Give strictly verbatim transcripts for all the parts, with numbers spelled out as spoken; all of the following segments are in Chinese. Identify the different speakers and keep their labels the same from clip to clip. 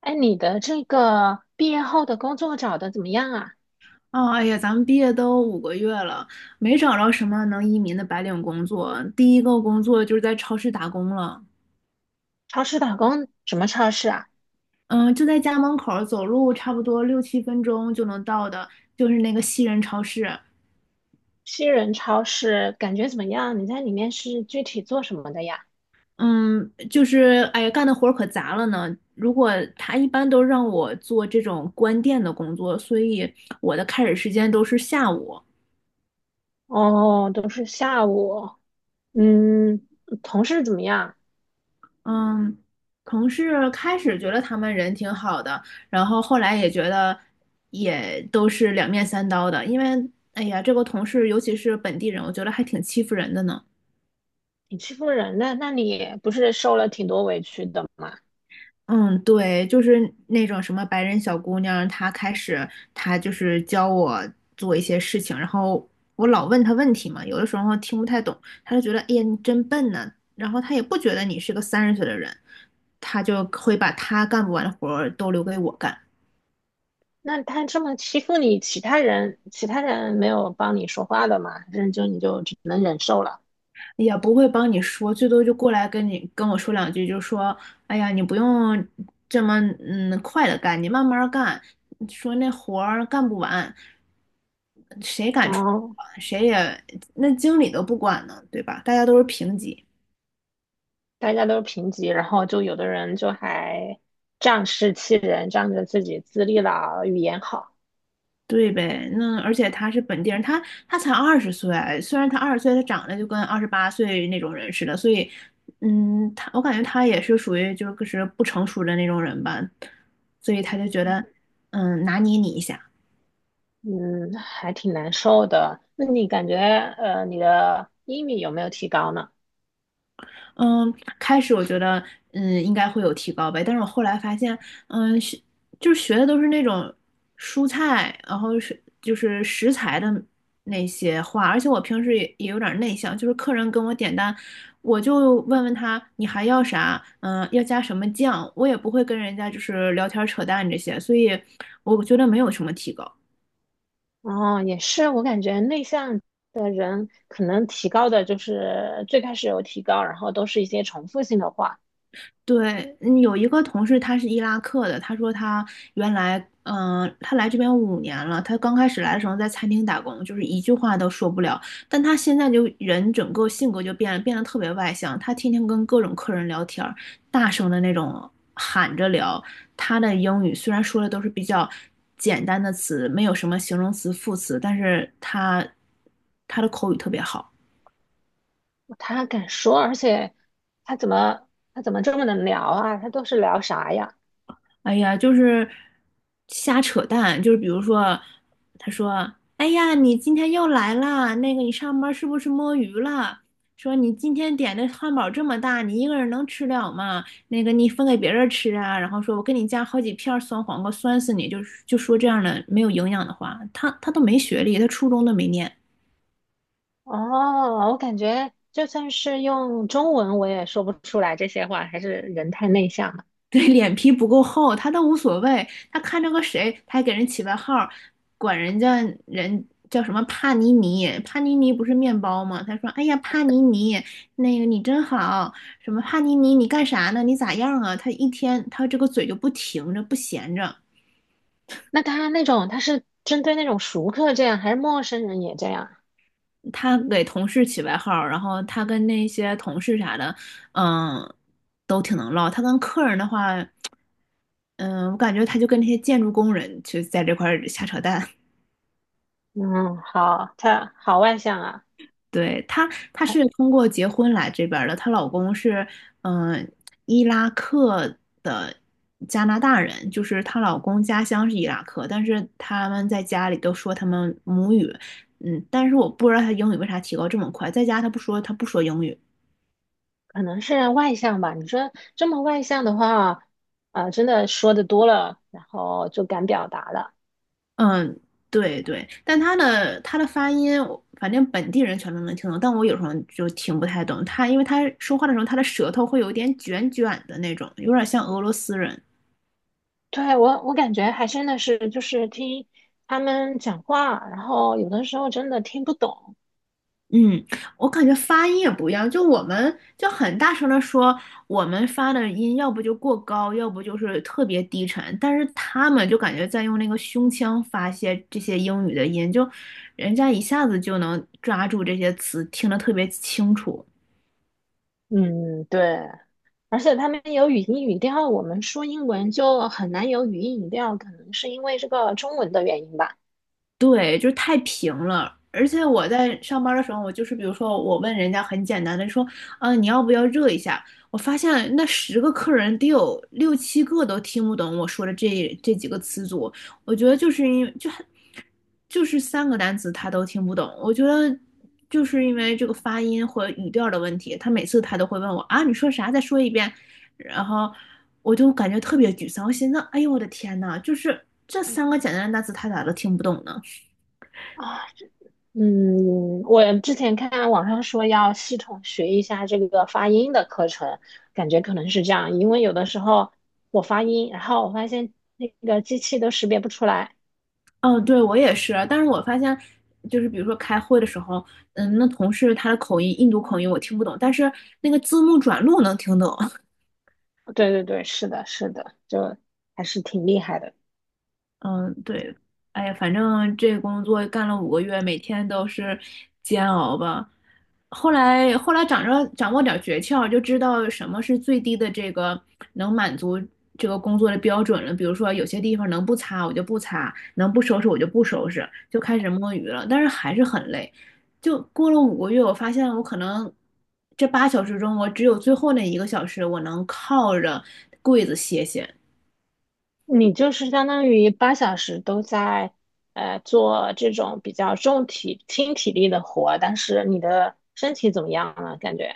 Speaker 1: 哎，你的这个毕业后的工作找的怎么样啊？
Speaker 2: 哦，哎呀，咱们毕业都五个月了，没找着什么能移民的白领工作。第一个工作就是在超市打工了，
Speaker 1: 超市打工什么超市啊？
Speaker 2: 嗯，就在家门口儿，走路差不多六七分钟就能到的，就是那个西人超市。
Speaker 1: 西人超市感觉怎么样？你在里面是具体做什么的呀？
Speaker 2: 嗯，就是哎呀，干的活儿可杂了呢。如果他一般都让我做这种关店的工作，所以我的开始时间都是下午。
Speaker 1: 哦，都是下午。嗯，同事怎么样？
Speaker 2: 嗯，同事开始觉得他们人挺好的，然后后来也觉得也都是两面三刀的，因为哎呀，这个同事尤其是本地人，我觉得还挺欺负人的呢。
Speaker 1: 挺欺负人的，那你不是受了挺多委屈的吗？
Speaker 2: 嗯，对，就是那种什么白人小姑娘，她开始她就是教我做一些事情，然后我老问她问题嘛，有的时候听不太懂，她就觉得哎呀你真笨呐，然后她也不觉得你是个三十岁的人，她就会把她干不完的活儿都留给我干。
Speaker 1: 那他这么欺负你，其他人其他人没有帮你说话的吗？还是就你就只能忍受了？
Speaker 2: 也不会帮你说，最多就过来跟你跟我说两句，就说，哎呀，你不用这么嗯快的干，你慢慢儿干，说那活儿干不完，谁敢出去
Speaker 1: 哦。
Speaker 2: 管谁也那经理都不管呢，对吧？大家都是平级。
Speaker 1: 大家都是平级，然后就有的人就还仗势欺人，仗着自己资历老、语言好。
Speaker 2: 对呗，那而且他是本地人，他他才二十岁啊，虽然他二十岁，他长得就跟二十八岁那种人似的，所以，嗯，他我感觉他也是属于就是不成熟的那种人吧，所以他就觉得，嗯，拿捏你一下。
Speaker 1: 嗯，还挺难受的。那你感觉呃，你的英语有没有提高呢？
Speaker 2: 嗯，开始我觉得嗯应该会有提高呗，但是我后来发现，嗯，学就是学的都是那种蔬菜，然后是就是食材的那些话，而且我平时也也有点内向，就是客人跟我点单，我就问问他你还要啥，嗯，要加什么酱，我也不会跟人家就是聊天扯淡这些，所以我觉得没有什么提高。
Speaker 1: 哦，也是，我感觉内向的人可能提高的就是最开始有提高，然后都是一些重复性的话。
Speaker 2: 对，嗯有一个同事他是伊拉克的，他说他原来，嗯、他来这边五年了，他刚开始来的时候在餐厅打工，就是一句话都说不了，但他现在就人整个性格就变了，变得特别外向，他天天跟各种客人聊天儿，大声的那种喊着聊，他的英语虽然说的都是比较简单的词，没有什么形容词、副词，但是他他的口语特别好。
Speaker 1: 他敢说，而且他怎么他怎么这么能聊啊？他都是聊啥呀？
Speaker 2: 哎呀，就是瞎扯淡，就是比如说，他说："哎呀，你今天又来啦，那个你上班是不是摸鱼了？说你今天点的汉堡这么大，你一个人能吃了吗？那个你分给别人吃啊。"然后说："我给你加好几片酸黄瓜，酸死你！"就是就说这样的没有营养的话，他他都没学历，他初中都没念。
Speaker 1: 哦，我感觉就算是用中文，我也说不出来这些话，还是人太内向了。
Speaker 2: 对，脸皮不够厚，他倒无所谓。他看着个谁，他还给人起外号儿管人家人叫什么帕尼尼，帕尼尼不是面包吗？他说："哎呀，帕尼尼，那个你真好，什么帕尼尼，你干啥呢？你咋样啊？"他一天他这个嘴就不停着，不闲着。
Speaker 1: 那他那种，他是针对那种熟客这样，还是陌生人也这样？
Speaker 2: 他给同事起外号儿然后他跟那些同事啥的，嗯，都挺能唠。他跟客人的话，嗯，我感觉他就跟那些建筑工人就在这块儿瞎扯淡。
Speaker 1: 嗯，好，他好外向啊。
Speaker 2: 对，她，她是
Speaker 1: 他
Speaker 2: 通过结婚来这边儿的，她老公是嗯、呃伊拉克的加拿大人，就是她老公家乡是伊拉克，但是他们在家里都说他们母语，嗯，但是我不知道她英语为啥提高这么快，在家她不说，她不说英语，
Speaker 1: 可能是外向吧。你说这么外向的话，啊、真的说的多了，然后就敢表达了。
Speaker 2: 嗯，对对，但她的她的发音，我反正本地人全都能听懂，但我有时候就听不太懂她，因为她说话的时候，她的舌头会有点卷卷的那种，有点像俄罗斯人。
Speaker 1: 对，我，我感觉还真的是，就是听他们讲话，然后有的时候真的听不懂。
Speaker 2: 嗯，我感觉发音也不一样，就我们就很大声的说，我们发的音要不就过高，要不就是特别低沉，但是他们就感觉在用那个胸腔发泄这些英语的音，就人家一下子就能抓住这些词，听得特别清楚。
Speaker 1: 嗯，对。而且他们有语音语调，我们说英文就很难有语音语调，可能是因为这个中文的原因吧。
Speaker 2: 对，就是太平了。而且我在上班的时候，我就是比如说，我问人家很简单的说，啊，你要不要热一下？我发现那十个客人得有六七个都听不懂我说的这这几个词组。我觉得就是因为就很就是三个单词他都听不懂。我觉得就是因为这个发音和语调的问题，他每次他都会问我啊，你说啥？再说一遍。然后我就感觉特别沮丧，我寻思，哎呦我的天呐，就是这三个简单的单词他咋都听不懂呢？
Speaker 1: 啊，嗯，我之前看网上说要系统学一下这个发音的课程，感觉可能是这样，因为有的时候我发音，然后我发现那个机器都识别不出来。
Speaker 2: 哦，对，我也是，但是我发现，就是比如说开会的时候，嗯，那同事他的口音，印度口音我听不懂，但是那个字幕转录能听懂。
Speaker 1: 对对对，是的，是的，就还是挺厉害的。
Speaker 2: 嗯，对，哎呀，反正这工作干了五个月，每天都是煎熬吧。后来，后来掌握掌握点儿诀窍，就知道什么是最低的这个能满足这个工作的标准了。比如说，有些地方能不擦我就不擦，能不收拾我就不收拾，就开始摸鱼了。但是还是很累。就过了五个月，我发现我可能这八小时中，我只有最后那一个小时，我能靠着柜子歇歇。
Speaker 1: 你就是相当于八小时都在呃做这种比较重体轻体力的活，但是你的身体怎么样了？感觉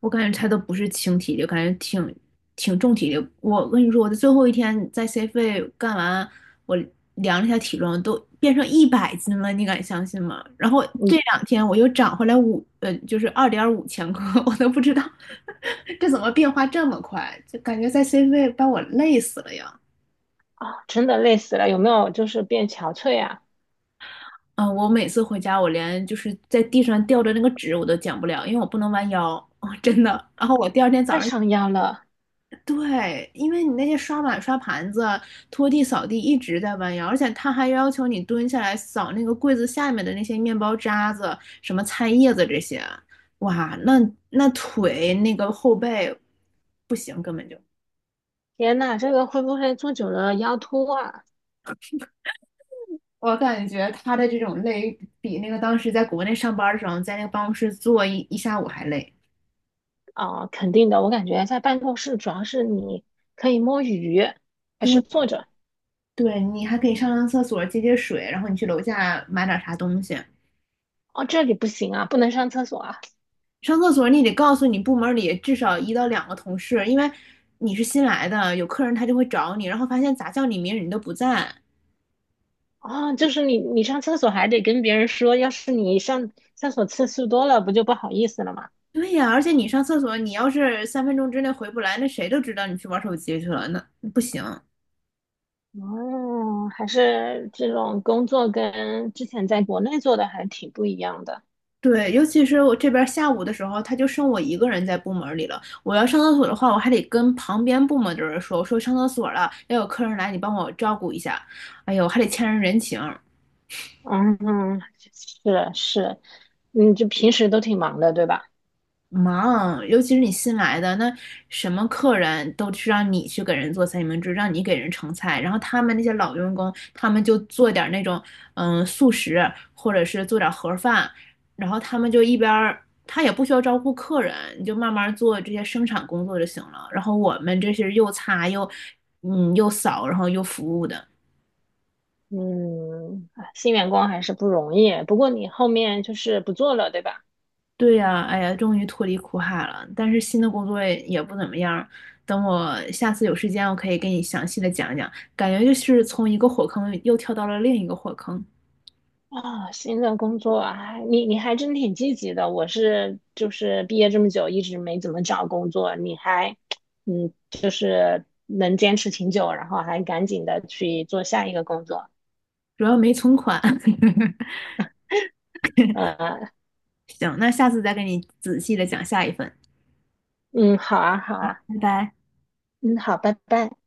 Speaker 2: 我感觉他都不是轻体力，感觉挺挺重体力。我跟你说，我的最后一天在 C 费干完，我量了一下体重，都变成一百斤了，你敢相信吗？然后
Speaker 1: 嗯
Speaker 2: 这两天我又长回来五，呃，就是二点五千克，我都不知道 这怎么变化这么快，就感觉在 C 费把我累死了呀。
Speaker 1: 啊，真的累死了，有没有就是变憔悴啊？
Speaker 2: 嗯，我每次回家，我连就是在地上吊着那个纸我都捡不了，因为我不能弯腰，真的。然后我第二天早
Speaker 1: 太
Speaker 2: 上。
Speaker 1: 伤腰了。
Speaker 2: 对，因为你那些刷碗、刷盘子、拖地、扫地一直在弯腰，而且他还要求你蹲下来扫那个柜子下面的那些面包渣子、什么菜叶子这些，哇，那那腿那个后背不行，根本就。
Speaker 1: 天呐，这个会不会坐久了腰突啊？
Speaker 2: 我感觉他的这种累，比那个当时在国内上班的时候，在那个办公室坐一一下午还累。
Speaker 1: 啊，肯定的，我感觉在办公室主要是你可以摸鱼，还
Speaker 2: 对，
Speaker 1: 是坐着。
Speaker 2: 对你还可以上上厕所、接接水，然后你去楼下买点啥东西。
Speaker 1: 哦，这里不行啊，不能上厕所啊。
Speaker 2: 上厕所你得告诉你部门里至少一到两个同事，因为你是新来的，有客人他就会找你，然后发现咋叫你名你都不在。
Speaker 1: 啊，就是你你上厕所还得跟别人说，要是你上厕所次数多了，不就不好意思了吗？
Speaker 2: 对呀，而且你上厕所，你要是三分钟之内回不来，那谁都知道你去玩手机去了，那不行。
Speaker 1: 哦，还是这种工作跟之前在国内做的还挺不一样的。
Speaker 2: 对，尤其是我这边下午的时候，他就剩我一个人在部门里了。我要上厕所的话，我还得跟旁边部门的人说，我说上厕所了，要有客人来，你帮我照顾一下。哎呦，还得欠人人情。
Speaker 1: 嗯，是是，嗯，就平时都挺忙的，对吧？
Speaker 2: 忙，尤其是你新来的，那什么客人都是让你去给人做三明治，让你给人盛菜，然后他们那些老员工，他们就做点儿那种嗯素食，或者是做点儿盒饭，然后他们就一边儿，他也不需要招呼客人，你就慢慢做这些生产工作就行了。然后我们这些又擦又嗯又扫，然后又服务的。
Speaker 1: 嗯，哎新员工还是不容易。不过你后面就是不做了，对吧？
Speaker 2: 对呀，哎呀，终于脱离苦海了。但是新的工作也也不怎么样。等我下次有时间，我可以给你详细的讲讲。感觉就是从一个火坑又跳到了另一个火坑，
Speaker 1: 啊，新的工作啊，你你还真挺积极的。我是就是毕业这么久，一直没怎么找工作，你还嗯，就是能坚持挺久，然后还赶紧的去做下一个工作。
Speaker 2: 主要没存款。
Speaker 1: 呃，
Speaker 2: 行，那下次再给你仔细的讲下一份。
Speaker 1: 嗯，好啊，好啊，
Speaker 2: 拜拜。
Speaker 1: 嗯，好，拜拜。